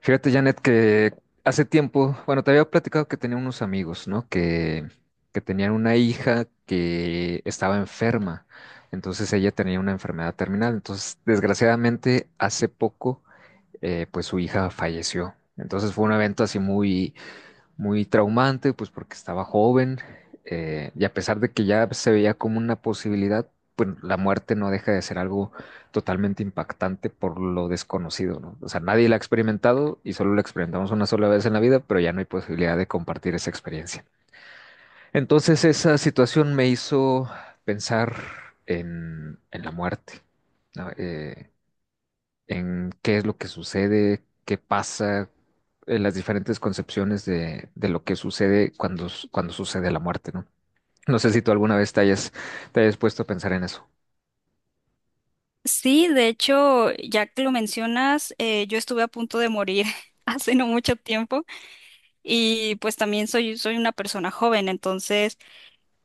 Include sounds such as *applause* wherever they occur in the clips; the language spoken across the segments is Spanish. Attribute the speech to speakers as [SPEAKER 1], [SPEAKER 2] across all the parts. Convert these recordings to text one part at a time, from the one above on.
[SPEAKER 1] Fíjate, Janet, que hace tiempo, bueno, te había platicado que tenía unos amigos, ¿no? Que tenían una hija que estaba enferma. Entonces ella tenía una enfermedad terminal. Entonces, desgraciadamente, hace poco, pues su hija falleció. Entonces fue un evento así muy, muy traumante, pues porque estaba joven, y a pesar de que ya se veía como una posibilidad, pues la muerte no deja de ser algo totalmente impactante por lo desconocido, ¿no? O sea, nadie la ha experimentado y solo la experimentamos una sola vez en la vida, pero ya no hay posibilidad de compartir esa experiencia. Entonces esa situación me hizo pensar en la muerte, ¿no? En qué es lo que sucede, qué pasa, las diferentes concepciones de lo que sucede cuando, cuando sucede la muerte, ¿no? No sé si tú alguna vez te hayas puesto a pensar en eso.
[SPEAKER 2] Sí, de hecho, ya que lo mencionas, yo estuve a punto de morir *laughs* hace no mucho tiempo y pues también soy, soy una persona joven, entonces,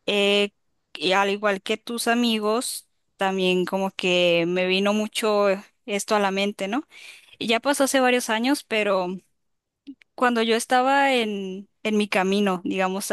[SPEAKER 2] eh, y al igual que tus amigos, también como que me vino mucho esto a la mente, ¿no? Y ya pasó hace varios años, pero cuando yo estaba en mi camino, digamos,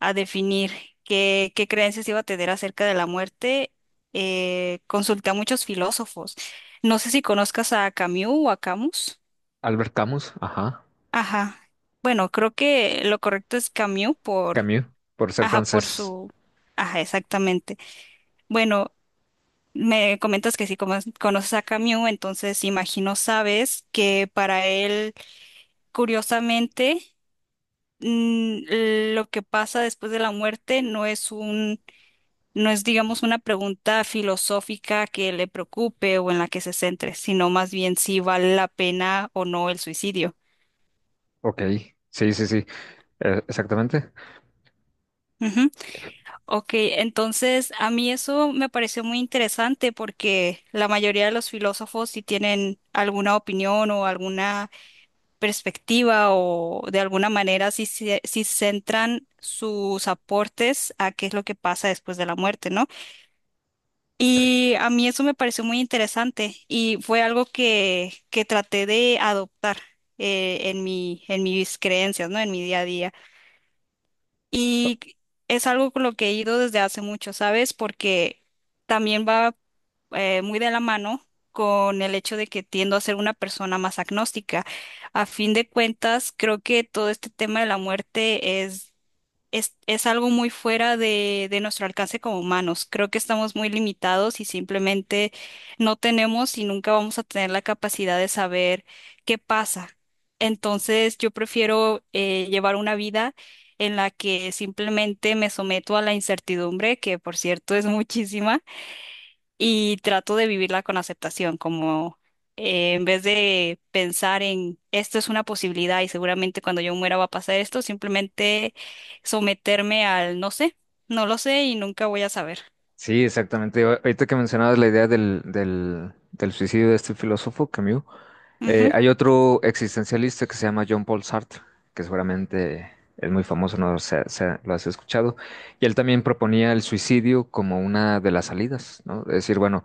[SPEAKER 2] a definir qué, qué creencias iba a tener acerca de la muerte, consulté a muchos filósofos. No sé si conozcas a Camus o a Camus.
[SPEAKER 1] Albert Camus, ajá.
[SPEAKER 2] Ajá. Bueno, creo que lo correcto es Camus por,
[SPEAKER 1] Camus, por ser
[SPEAKER 2] ajá, por
[SPEAKER 1] francés.
[SPEAKER 2] su, ajá, exactamente. Bueno, me comentas que si conoces a Camus, entonces imagino sabes que para él, curiosamente, lo que pasa después de la muerte no es un No es, digamos, una pregunta filosófica que le preocupe o en la que se centre, sino más bien si vale la pena o no el suicidio.
[SPEAKER 1] Ok, sí, sí, sí, exactamente.
[SPEAKER 2] Ujú. Ok, entonces a mí eso me pareció muy interesante porque la mayoría de los filósofos si tienen alguna opinión o alguna perspectiva o de alguna manera si, centran sus aportes a qué es lo que pasa después de la muerte, ¿no? Y a mí eso me pareció muy interesante y fue algo que traté de adoptar en mi, en mis creencias, ¿no? En mi día a día. Y es algo con lo que he ido desde hace mucho, ¿sabes? Porque también va muy de la mano con el hecho de que tiendo a ser una persona más agnóstica. A fin de cuentas, creo que todo este tema de la muerte es algo muy fuera de nuestro alcance como humanos. Creo que estamos muy limitados y simplemente no tenemos y nunca vamos a tener la capacidad de saber qué pasa. Entonces, yo prefiero llevar una vida en la que simplemente me someto a la incertidumbre, que por cierto es *laughs* muchísima y trato de vivirla con aceptación, como en vez de pensar en esto es una posibilidad y seguramente cuando yo muera va a pasar esto, simplemente someterme al no sé, no lo sé y nunca voy a saber.
[SPEAKER 1] Sí, exactamente. Ahorita que mencionabas la idea del suicidio de este filósofo, Camus. Eh,
[SPEAKER 2] Ujú.
[SPEAKER 1] hay otro existencialista que se llama John Paul Sartre, que seguramente es muy famoso, no sé, lo has escuchado, y él también proponía el suicidio como una de las salidas, ¿no? Es decir, bueno,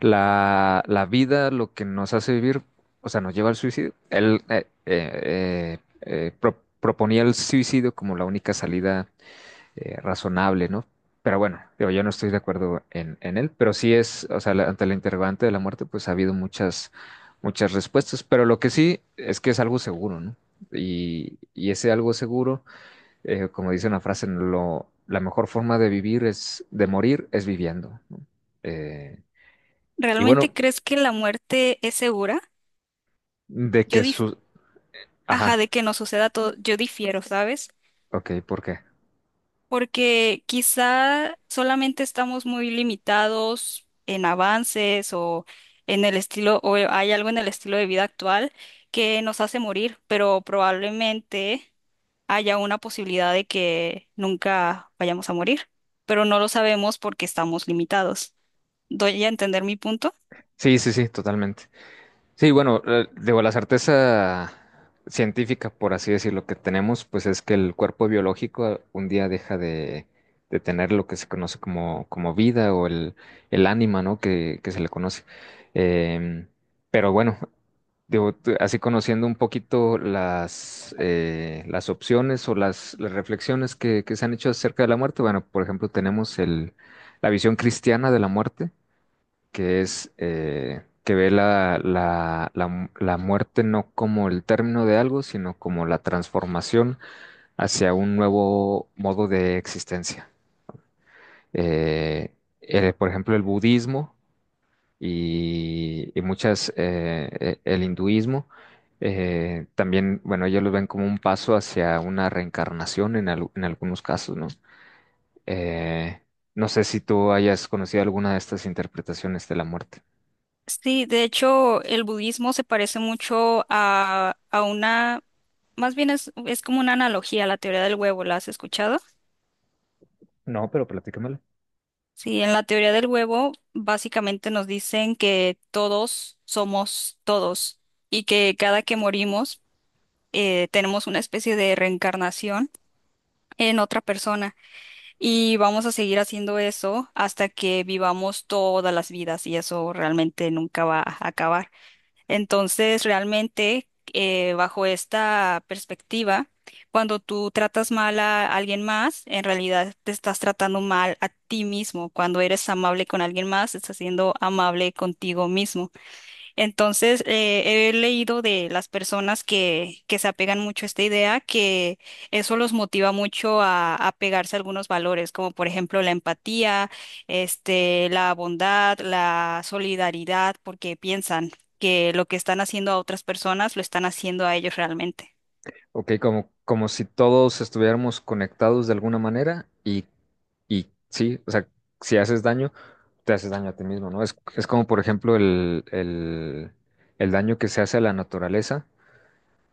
[SPEAKER 1] la vida, lo que nos hace vivir, o sea, nos lleva al suicidio. Él proponía el suicidio como la única salida, razonable, ¿no? Pero bueno, digo, yo no estoy de acuerdo en él, pero sí es, o sea, ante la interrogante de la muerte, pues ha habido muchas, muchas respuestas, pero lo que sí es que es algo seguro, ¿no? Y ese algo seguro, como dice una frase, la mejor forma de vivir es, de morir es viviendo, ¿no? Eh, y
[SPEAKER 2] ¿Realmente
[SPEAKER 1] bueno,
[SPEAKER 2] crees que la muerte es segura?
[SPEAKER 1] de
[SPEAKER 2] Yo
[SPEAKER 1] que
[SPEAKER 2] dif-
[SPEAKER 1] su...
[SPEAKER 2] ajá,
[SPEAKER 1] Ajá,
[SPEAKER 2] de que no suceda todo, yo difiero, ¿sabes?
[SPEAKER 1] ok, ¿por qué?
[SPEAKER 2] Porque quizá solamente estamos muy limitados en avances o en el estilo, o hay algo en el estilo de vida actual que nos hace morir, pero probablemente haya una posibilidad de que nunca vayamos a morir, pero no lo sabemos porque estamos limitados. ¿Doy a entender mi punto?
[SPEAKER 1] Sí, sí, sí, totalmente. Sí, bueno, digo, la certeza científica, por así decirlo, que tenemos, pues es que el cuerpo biológico un día deja de tener lo que se conoce como vida o el ánima, ¿no? Que se le conoce. Em, pero bueno, digo, así conociendo un poquito las, las opciones o las reflexiones que se han hecho acerca de la muerte, bueno, por ejemplo, tenemos la visión cristiana de la muerte, que es, que ve la muerte no como el término de algo, sino como la transformación hacia un nuevo modo de existencia. Eh, por ejemplo, el budismo y el hinduismo, también, bueno, ellos lo ven como un paso hacia una reencarnación en algunos casos, ¿no? Eh, no sé si tú hayas conocido alguna de estas interpretaciones de la muerte.
[SPEAKER 2] Sí, de hecho, el budismo se parece mucho a una, más bien es como una analogía a la teoría del huevo, ¿la has escuchado?
[SPEAKER 1] No, pero platícamela.
[SPEAKER 2] Sí, en la teoría del huevo, básicamente nos dicen que todos somos todos y que cada que morimos tenemos una especie de reencarnación en otra persona y vamos a seguir haciendo eso hasta que vivamos todas las vidas y eso realmente nunca va a acabar. Entonces, realmente, bajo esta perspectiva, cuando tú tratas mal a alguien más, en realidad te estás tratando mal a ti mismo. Cuando eres amable con alguien más, estás siendo amable contigo mismo. Entonces, he leído de las personas que se apegan mucho a esta idea, que eso los motiva mucho a pegarse a algunos valores, como por ejemplo la empatía, este, la bondad, la solidaridad, porque piensan que lo que están haciendo a otras personas lo están haciendo a ellos realmente.
[SPEAKER 1] Ok, como si todos estuviéramos conectados de alguna manera y sí, o sea, si haces daño, te haces daño a ti mismo, ¿no? Es como, por ejemplo, el daño que se hace a la naturaleza.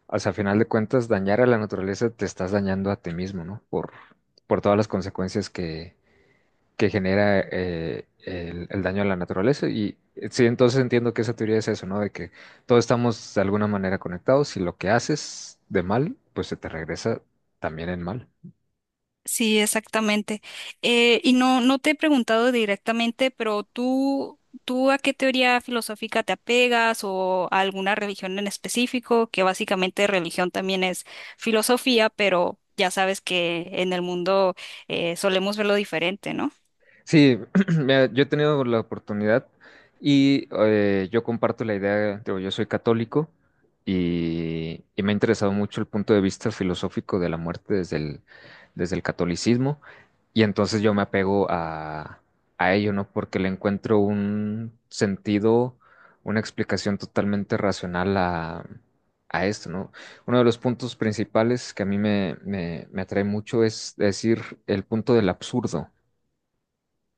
[SPEAKER 1] O sea, a final de cuentas, dañar a la naturaleza te estás dañando a ti mismo, ¿no? Por todas las consecuencias que genera, el daño a la naturaleza. Y, sí, entonces entiendo que esa teoría es eso, ¿no? De que todos estamos de alguna manera conectados y lo que haces de mal, pues se te regresa también en mal.
[SPEAKER 2] Sí, exactamente. Y no, no te he preguntado directamente, pero tú, ¿tú a qué teoría filosófica te apegas o a alguna religión en específico? Que básicamente religión también es filosofía, pero ya sabes que en el mundo solemos verlo diferente, ¿no?
[SPEAKER 1] Sí, *clears throat* mira, yo he tenido la oportunidad y, yo comparto la idea, digo, yo soy católico y me ha interesado mucho el punto de vista filosófico de la muerte desde el catolicismo, y entonces yo me apego a ello, ¿no? Porque le encuentro un sentido, una explicación totalmente racional a esto, ¿no? Uno de los puntos principales que a mí me atrae mucho es decir el punto del absurdo.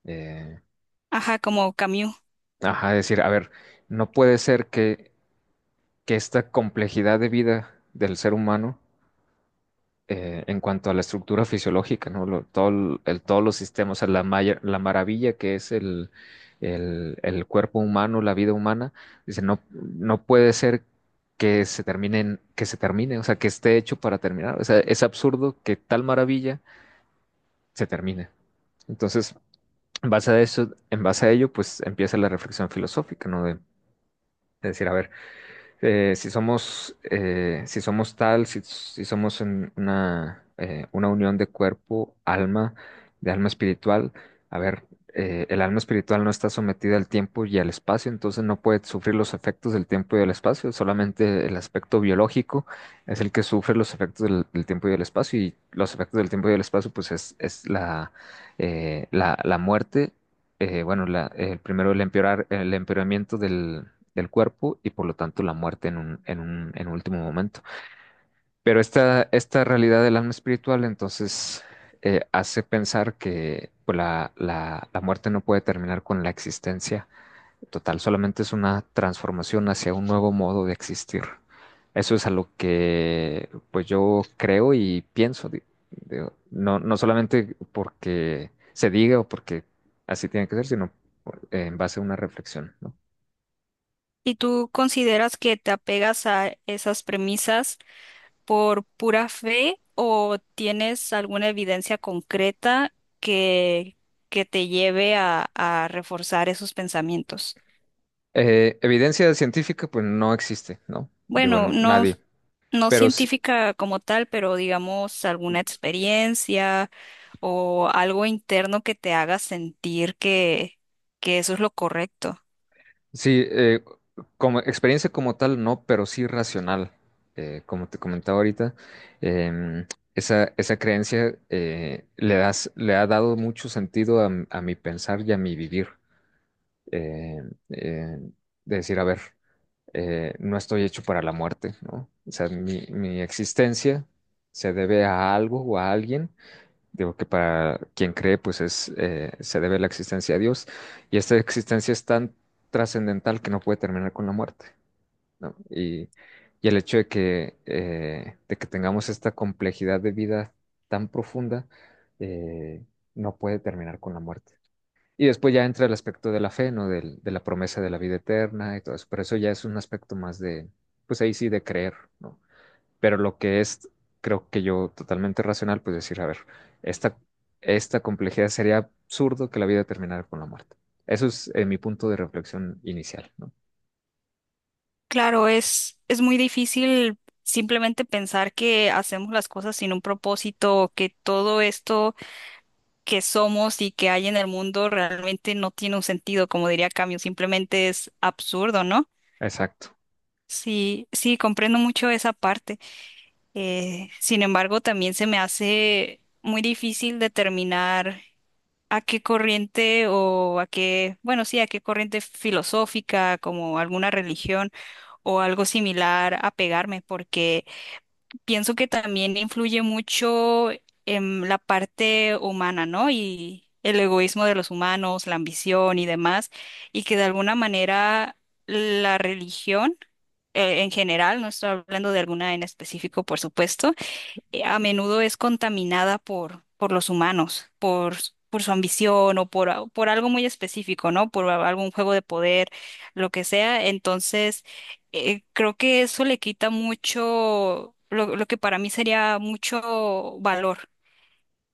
[SPEAKER 1] Eh,
[SPEAKER 2] Ajá, como Camus.
[SPEAKER 1] Ajá, decir, a ver, no puede ser que esta complejidad de vida del ser humano, en cuanto a la estructura fisiológica, ¿no? Todo todos los sistemas, o sea, la maravilla que es el cuerpo humano, la vida humana, dice, no, no puede ser que se termine, que se termine, o sea, que esté hecho para terminar. O sea, es absurdo que tal maravilla se termine. Entonces, en base a eso, en base a ello, pues empieza la reflexión filosófica, ¿no? De decir, a ver, si somos, si somos tal, si somos en una, una unión de cuerpo, alma, de alma espiritual. A ver, el alma espiritual no está sometida al tiempo y al espacio, entonces no puede sufrir los efectos del tiempo y del espacio, solamente el aspecto biológico es el que sufre los efectos del tiempo y del espacio, y los efectos del tiempo y del espacio, pues es la muerte. Bueno, el primero el el empeoramiento del cuerpo y por lo tanto la muerte en un, en un último momento. Pero esta realidad del alma espiritual entonces, hace pensar que pues, la muerte no puede terminar con la existencia total, solamente es una transformación hacia un nuevo modo de existir. Eso es a lo que pues yo creo y pienso, digo, no, no solamente porque se diga o porque así tiene que ser, sino en base a una reflexión, ¿no?
[SPEAKER 2] ¿Y tú consideras que te apegas a esas premisas, por pura fe o tienes alguna evidencia concreta que, que te lleve a reforzar esos pensamientos?
[SPEAKER 1] Evidencia científica, pues no existe, ¿no? Digo,
[SPEAKER 2] Bueno, no,
[SPEAKER 1] nadie.
[SPEAKER 2] no
[SPEAKER 1] Pero
[SPEAKER 2] científica como tal, pero digamos alguna experiencia o algo interno que te haga sentir que eso es lo correcto.
[SPEAKER 1] sí, como experiencia como tal, no, pero sí racional. Como te comentaba ahorita, em, esa creencia, le ha dado mucho sentido a mi pensar y a mi vivir. Eh, eh, de decir, a ver, no estoy hecho para la muerte, ¿no? O sea, mi existencia se debe a algo o a alguien. Digo que para quien cree, se debe la existencia a Dios. Y esta existencia es tan trascendental que no puede terminar con la muerte, ¿no? Y el hecho de que, de que tengamos esta complejidad de vida tan profunda, eh, no puede terminar con la muerte. Y después ya entra el aspecto de la fe, ¿no? De la promesa de la vida eterna y todo eso. Pero eso ya es un aspecto más de, pues ahí sí, de creer, ¿no? Pero lo que es, creo que yo totalmente racional, pues decir, a ver, esta, esta complejidad sería absurdo que la vida terminara con la muerte. Eso es, mi punto de reflexión inicial, ¿no?
[SPEAKER 2] Claro, es muy difícil simplemente pensar que hacemos las cosas sin un propósito, que todo esto que somos y que hay en el mundo realmente no tiene un sentido, como diría Camus, simplemente es absurdo, ¿no?
[SPEAKER 1] Exacto.
[SPEAKER 2] Sí, sí, comprendo mucho esa parte. Sin embargo, también se me hace muy difícil determinar a qué corriente o a qué, bueno, sí, a qué corriente filosófica, como alguna religión o algo similar, apegarme, porque pienso que también influye mucho en la parte humana, ¿no? Y el egoísmo de los humanos, la ambición y demás, y que de alguna manera la religión en general, no estoy hablando de alguna en específico, por supuesto, a menudo es contaminada por los humanos, por, por su ambición o por, por algo muy específico, ¿no? Por algún juego de poder, lo que sea. Entonces, creo que eso le quita mucho, lo que para mí sería mucho valor.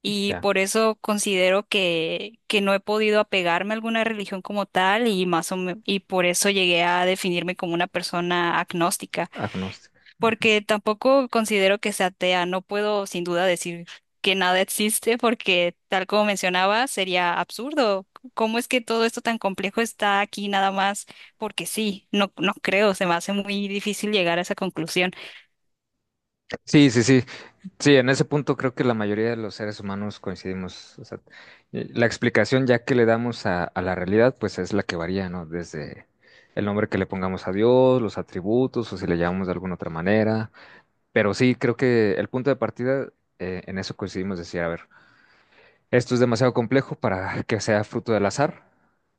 [SPEAKER 2] Y
[SPEAKER 1] Ya,
[SPEAKER 2] por eso considero que no he podido apegarme a alguna religión como tal y por eso llegué a definirme como una persona agnóstica
[SPEAKER 1] agnóstico. Ujú.
[SPEAKER 2] porque tampoco considero que sea atea. No puedo sin duda decir que nada existe porque tal como mencionaba, sería absurdo. ¿Cómo es que todo esto tan complejo está aquí nada más? Porque sí, no, no creo, se me hace muy difícil llegar a esa conclusión.
[SPEAKER 1] Sí, sí, sí, sí, en ese punto creo que la mayoría de los seres humanos coincidimos. O sea, la explicación ya que le damos a la realidad, pues es la que varía, ¿no? Desde el nombre que le pongamos a Dios, los atributos, o si le llamamos de alguna otra manera. Pero sí, creo que el punto de partida, en eso coincidimos, decir, a ver, esto es demasiado complejo para que sea fruto del azar,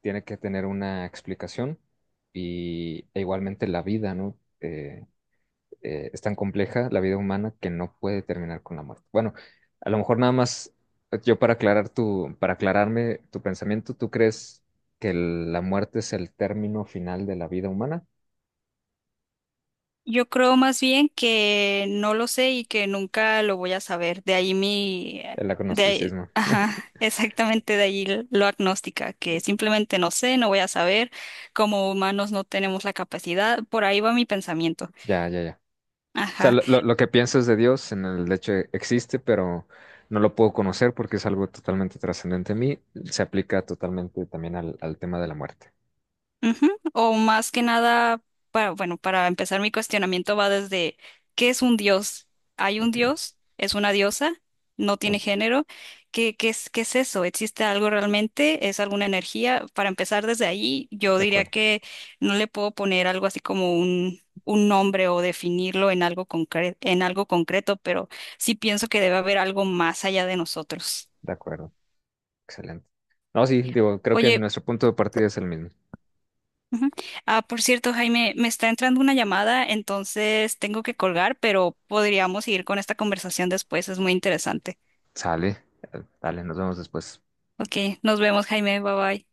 [SPEAKER 1] tiene que tener una explicación, e igualmente la vida, ¿no? Es tan compleja la vida humana que no puede terminar con la muerte. Bueno, a lo mejor nada más, yo para para aclararme tu pensamiento, ¿tú crees que la muerte es el término final de la vida humana?
[SPEAKER 2] Yo creo más bien que no lo sé y que nunca lo voy a saber. De ahí mi,
[SPEAKER 1] El agnosticismo.
[SPEAKER 2] *laughs* ajá, exactamente de ahí lo agnóstica, que simplemente no sé, no voy a saber. Como humanos no tenemos la capacidad. Por ahí va mi pensamiento.
[SPEAKER 1] Ya, ya, ya. O sea,
[SPEAKER 2] Ajá.
[SPEAKER 1] lo, lo que piensas de Dios en el hecho existe, pero no lo puedo conocer porque es algo totalmente trascendente a mí. Se aplica totalmente también al tema de la muerte.
[SPEAKER 2] Ujú. O más que nada, para, bueno, para empezar mi cuestionamiento va desde, ¿qué es un dios? ¿Hay un
[SPEAKER 1] Ok,
[SPEAKER 2] dios? ¿Es una diosa? ¿No tiene
[SPEAKER 1] ok,
[SPEAKER 2] género? ¿Qué, qué es eso? ¿Existe algo realmente? ¿Es alguna energía? Para empezar desde ahí, yo
[SPEAKER 1] de
[SPEAKER 2] diría
[SPEAKER 1] acuerdo,
[SPEAKER 2] que no le puedo poner algo así como un nombre o definirlo en algo en algo concreto, pero sí pienso que debe haber algo más allá de nosotros.
[SPEAKER 1] de acuerdo. Excelente. No, sí, digo, creo que
[SPEAKER 2] Oye,
[SPEAKER 1] nuestro punto de partida es el mismo.
[SPEAKER 2] ujú. Ah, por cierto, Jaime, me está entrando una llamada, entonces tengo que colgar, pero podríamos seguir con esta conversación después, es muy interesante.
[SPEAKER 1] Sale, dale, nos vemos después.
[SPEAKER 2] Ok, nos vemos, Jaime, bye bye.